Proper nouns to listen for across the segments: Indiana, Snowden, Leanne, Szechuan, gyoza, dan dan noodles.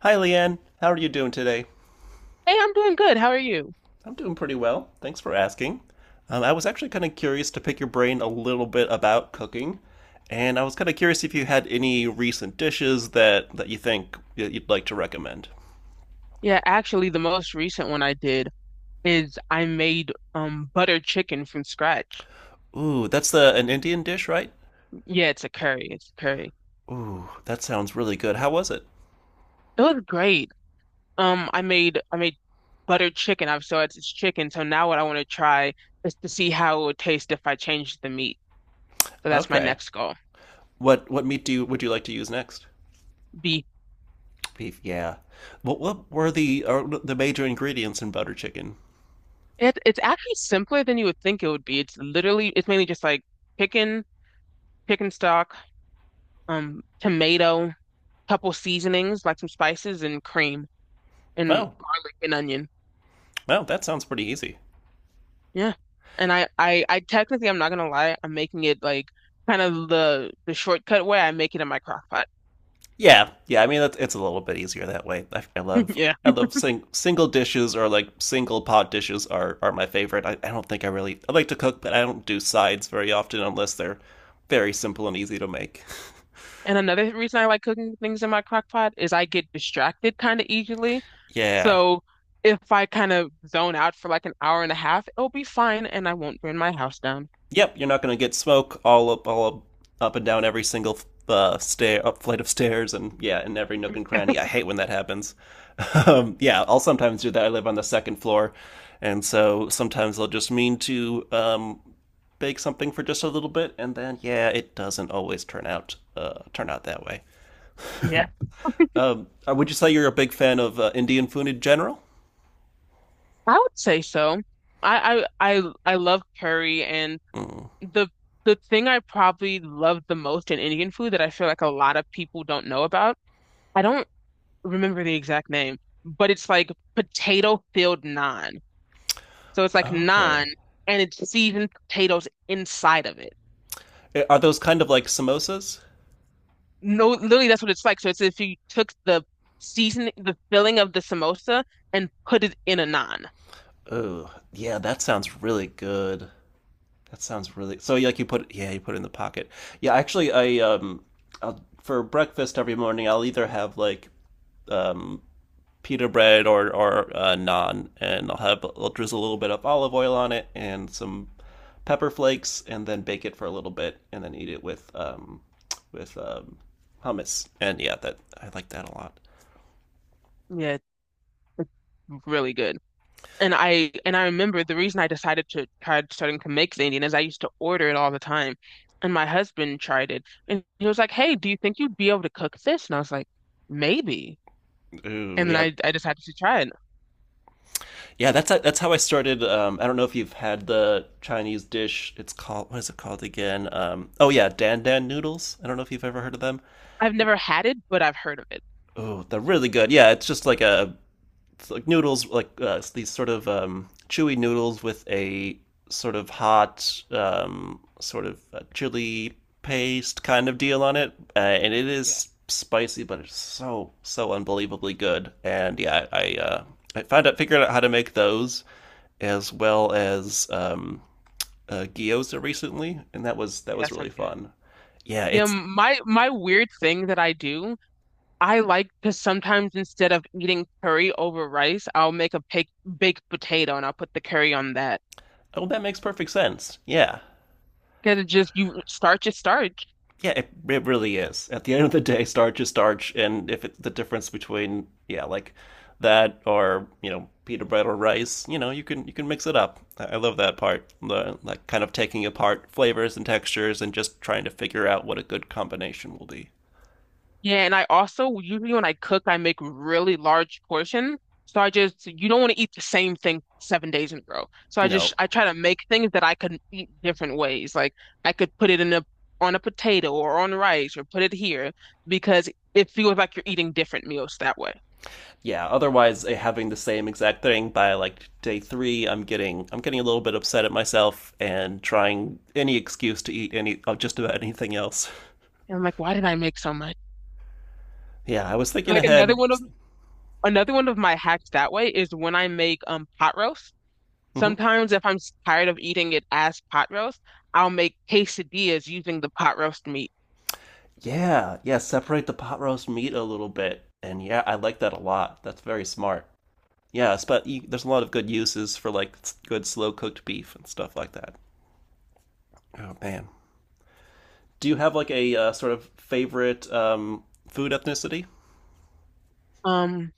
Hi, Leanne. How are you doing today? Hey, I'm doing good. How are you? I'm doing pretty well. Thanks for asking. I was actually kind of curious to pick your brain a little bit about cooking, and I was kind of curious if you had any recent dishes that you think you'd like to recommend. Yeah, actually, the most recent one I did is I made butter chicken from scratch. Ooh, that's the an Indian dish, right? Yeah, it's a curry. It's a curry. Ooh, that sounds really good. How was it? It was great. I made butter chicken. I've so it's chicken. So now what I want to try is to see how it would taste if I changed the meat. So that's my Okay. next goal. What meat do you would you like to use next? Be Beef, yeah. What were the are the major ingredients in butter chicken? It's actually simpler than you would think it would be. It's literally it's mainly just like chicken, chicken stock, tomato, couple seasonings like some spices and cream, and Well, garlic and onion. well, that sounds pretty easy. Yeah. And I technically, I'm not gonna lie, I'm making it like kind of the shortcut way. I make it in my crock pot. Yeah, yeah. I mean, it's a little bit easier that way. I love, Yeah. I love single dishes, or like single pot dishes are my favorite. I don't think I like to cook, but I don't do sides very often unless they're very simple and easy to make. And another reason I like cooking things in my crock pot is I get distracted kind of easily. Yeah. So if I kind of zone out for like an hour and a half, it'll be fine and I won't burn my house down. Yep. You're not going to get smoke all up, up and down every single stair, up flight of stairs, and yeah, in every nook and cranny. I hate when that happens. Yeah, I'll sometimes do that. I live on the second floor, and so sometimes I'll just mean to bake something for just a little bit, and then yeah, it doesn't always turn out that way. Yeah. Would you say you're a big fan of Indian food in general? I would say so. I love curry, and Mm. the the thing I probably love the most in Indian food that I feel like a lot of people don't know about, I don't remember the exact name, but it's like potato filled naan. So it's like naan Okay. and it's seasoned potatoes inside of it. Are those kind of like samosas? No, literally that's what it's like. So it's if you took the season, the filling of the samosa and put it in a naan. Oh, yeah, that sounds really good. That sounds really so. Like you put, yeah, you put it in the pocket. Yeah, actually, I'll, for breakfast every morning, I'll either have like um pita bread or naan, and I'll drizzle a little bit of olive oil on it and some pepper flakes, and then bake it for a little bit, and then eat it with with um hummus. And yeah, that I like that a lot. Yeah, it's really good. And I remember the reason I decided to try starting to make Indian is I used to order it all the time. And my husband tried it and he was like, "Hey, do you think you'd be able to cook this?" And I was like, "Maybe." Ooh, And then yeah, I decided to try it. yeah. That's how I started. I don't know if you've had the Chinese dish. It's called, what is it called again? Oh yeah, dan dan noodles. I don't know if you've ever heard of them. I've never had it, but I've heard of it. Oh, they're really good. Yeah, it's just like a like noodles, like these sort of chewy noodles with a sort of hot, sort of chili paste kind of deal on it, and it Yeah. is spicy, but it's so so unbelievably good. And I found out figured out how to make those, as well as gyoza recently, and that Yeah, was that really sounds good. fun. Yeah, Yeah, it's my weird thing that I do, I like to sometimes instead of eating curry over rice, I'll make a baked potato and I'll put the curry on that. Oh, that makes perfect sense. Yeah, Because it just you starch is starch. yeah, it really is. At the end of the day, starch is starch, and if it's the difference between, yeah, like that or, you know, pita bread or rice, you know, you can mix it up. I love that part, the like kind of taking apart flavors and textures and just trying to figure out what a good combination will be. Yeah, and I also usually when I cook, I make really large portions. So I just you don't want to eat the same thing 7 days in a row. So I just No, I try to make things that I can eat different ways. Like I could put it in a on a potato or on rice or put it here because it feels like you're eating different meals that way. yeah. Otherwise, eh, having the same exact thing by like day three, I'm getting a little bit upset at myself and trying any excuse to eat any of just about anything else. And I'm like, why did I make so much? Yeah, I was thinking Like ahead. Another one of my hacks that way is when I make pot roast. Mhm. Sometimes if I'm tired of eating it as pot roast, I'll make quesadillas using the pot roast meat. Yeah, yeah, separate the pot roast meat a little bit. And yeah, I like that a lot. That's very smart. Yeah, there's a lot of good uses for like good slow cooked beef and stuff like that. Oh man. Do you have like a sort of favorite food ethnicity? Um,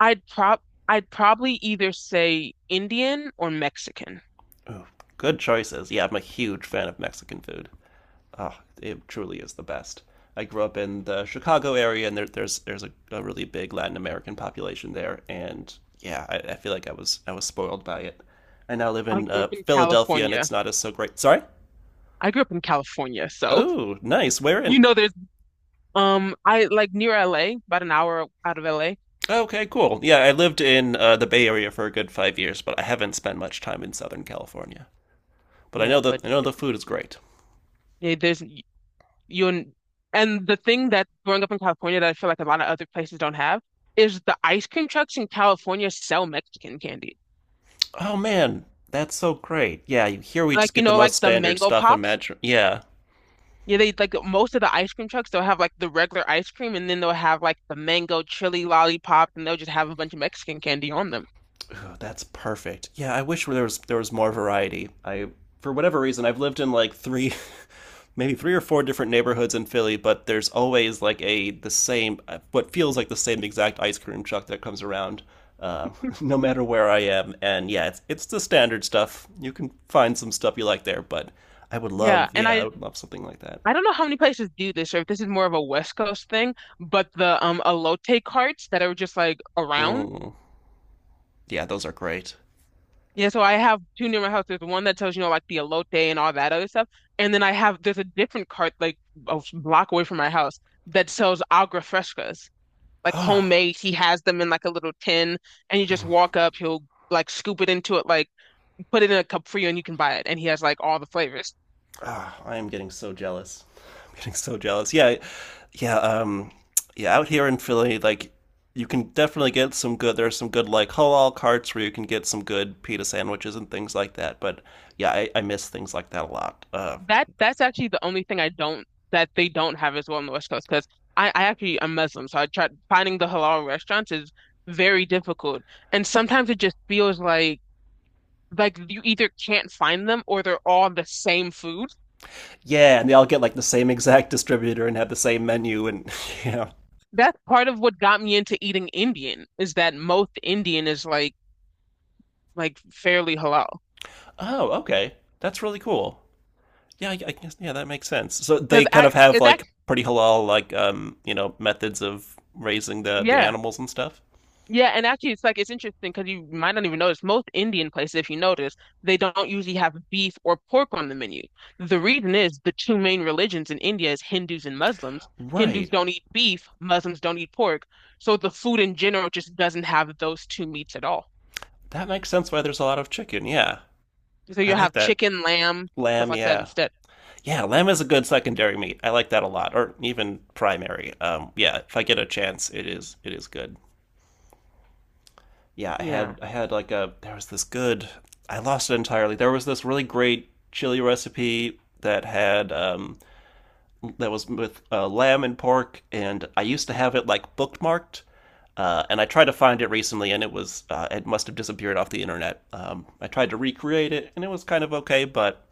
I'd prob I'd probably either say Indian or Mexican. Oh, good choices. Yeah, I'm a huge fan of Mexican food. Oh, it truly is the best. I grew up in the Chicago area, and there's a really big Latin American population there, and yeah, I feel like I was spoiled by it. I now live I in grew up in Philadelphia, and California. it's not as so great. Sorry. I grew up in California, so Oh, nice. Where in? you know there's I like near LA, about an hour out of LA. Okay, cool. Yeah, I lived in the Bay Area for a good 5 years, but I haven't spent much time in Southern California. But Yeah, but I know the food is great. yeah, there's you and the thing that growing up in California that I feel like a lot of other places don't have is the ice cream trucks in California sell Mexican candy. Oh man, that's so great. Here we just Like you get the know, most like the standard mango stuff. pops. Imagine. Yeah. Yeah, they like most of the ice cream trucks, they'll have like the regular ice cream and then they'll have like the mango chili lollipop, and they'll just have a bunch of Mexican candy on them. Oh, that's perfect. Yeah, I wish there was more variety. I for whatever reason I've lived in like three maybe three or four different neighborhoods in Philly, but there's always like a the same what feels like the same exact ice cream truck that comes around uh, no matter where I am. And yeah, it's the standard stuff. You can find some stuff you like there, but I would Yeah, love, and yeah, I I would love something like that. I don't know how many places do this or if this is more of a West Coast thing, but the elote carts that are just like around. Mm, yeah, those are great. Yeah, so I have two near my house. There's one that tells you know like the elote and all that other stuff, and then I have there's a different cart like a block away from my house that sells agua frescas, like Oh, homemade. He has them in like a little tin, and you just walk up. He'll like scoop it into it, like put it in a cup for you, and you can buy it. And he has like all the flavors. ah, I am getting so jealous. I'm getting so jealous. Yeah, yeah, um, yeah. Out here in Philly, like you can definitely get some good. There's some good like halal carts where you can get some good pita sandwiches and things like that. But yeah, I miss things like that a lot. That's actually the only thing I don't that they don't have as well on the West Coast, because I actually am Muslim, so I tried finding the halal restaurants is very difficult, and sometimes it just feels like you either can't find them or they're all the same food. Yeah, and they all get like the same exact distributor and have the same menu and yeah. That's part of what got me into eating Indian is that most Indian is like fairly halal. Oh, okay, that's really cool. Yeah, I guess yeah, that makes sense. So Because they kind I, of have it's like act, pretty halal like you know methods of raising the yeah, animals and stuff. yeah, and actually, it's like it's interesting because you might not even notice most Indian places, if you notice, they don't usually have beef or pork on the menu. The reason is the two main religions in India is Hindus and Muslims. Hindus Right. don't eat beef, Muslims don't eat pork, so the food in general just doesn't have those two meats at all. That makes sense why there's a lot of chicken. Yeah. So I you like have that. chicken, lamb, stuff Lamb, like that yeah. instead. Yeah, lamb is a good secondary meat. I like that a lot, or even primary. Yeah, if I get a chance, it is good. Yeah, Yeah. I had like a there was this good I lost it entirely. There was this really great chili recipe that had that was with lamb and pork, and I used to have it like bookmarked, and I tried to find it recently, and it was it must have disappeared off the internet. I tried to recreate it, and it was kind of okay,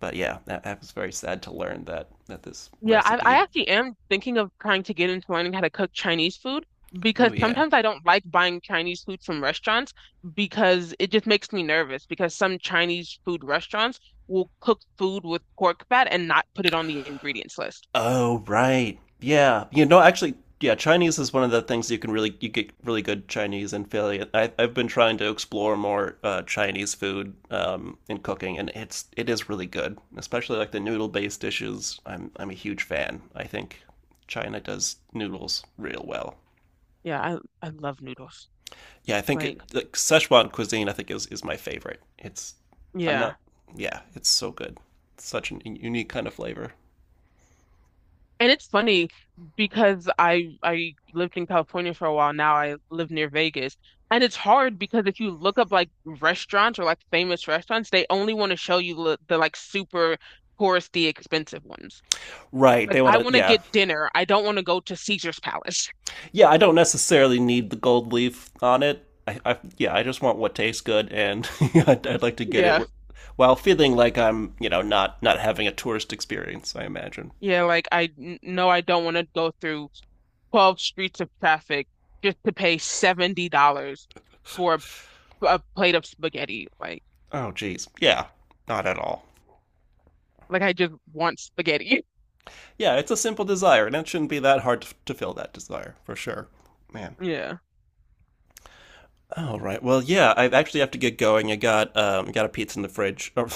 but yeah, that was very sad to learn that this Yeah, I, recipe. I actually am thinking of trying to get into learning how to cook Chinese food Oh because yeah. sometimes I don't like buying Chinese food from restaurants because it just makes me nervous because some Chinese food restaurants will cook food with pork fat and not put it on the ingredients list. Oh, right. Yeah. You know, actually, yeah, Chinese is one of the things you can really you get really good Chinese in Philly. I've been trying to explore more Chinese food in cooking, and it is really good, especially like the noodle-based dishes. I'm a huge fan. I think China does noodles real well. Yeah, I love noodles. Yeah, I think Like, it, like Szechuan cuisine I think is my favorite. It's I'm not yeah. Yeah, it's so good. Such an unique kind of flavor. And it's funny because I lived in California for a while. Now I live near Vegas. And it's hard because if you look up like restaurants or like famous restaurants, they only want to show you the like super touristy expensive ones. Right. Like They want I to, want to yeah. get dinner. I don't want to go to Caesar's Palace. Yeah, I don't necessarily need the gold leaf on it. I yeah, I just want what tastes good, and I'd like to get it Yeah. While feeling like I'm, you know, not having a tourist experience. I imagine. Yeah, like no, I don't want to go through 12 streets of traffic just to pay $70 for a plate of spaghetti. Oh, geez, yeah, not at all. Like I just want spaghetti. Yeah, it's a simple desire, and it shouldn't be that hard to fill that desire for sure. Man. Yeah. All right. Well, yeah, I actually have to get going. I got a pizza in the fridge, or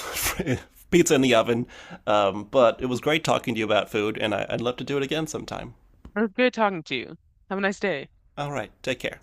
pizza in the oven. But it was great talking to you about food, and I'd love to do it again sometime. It was good talking to you. Have a nice day. All right. Take care.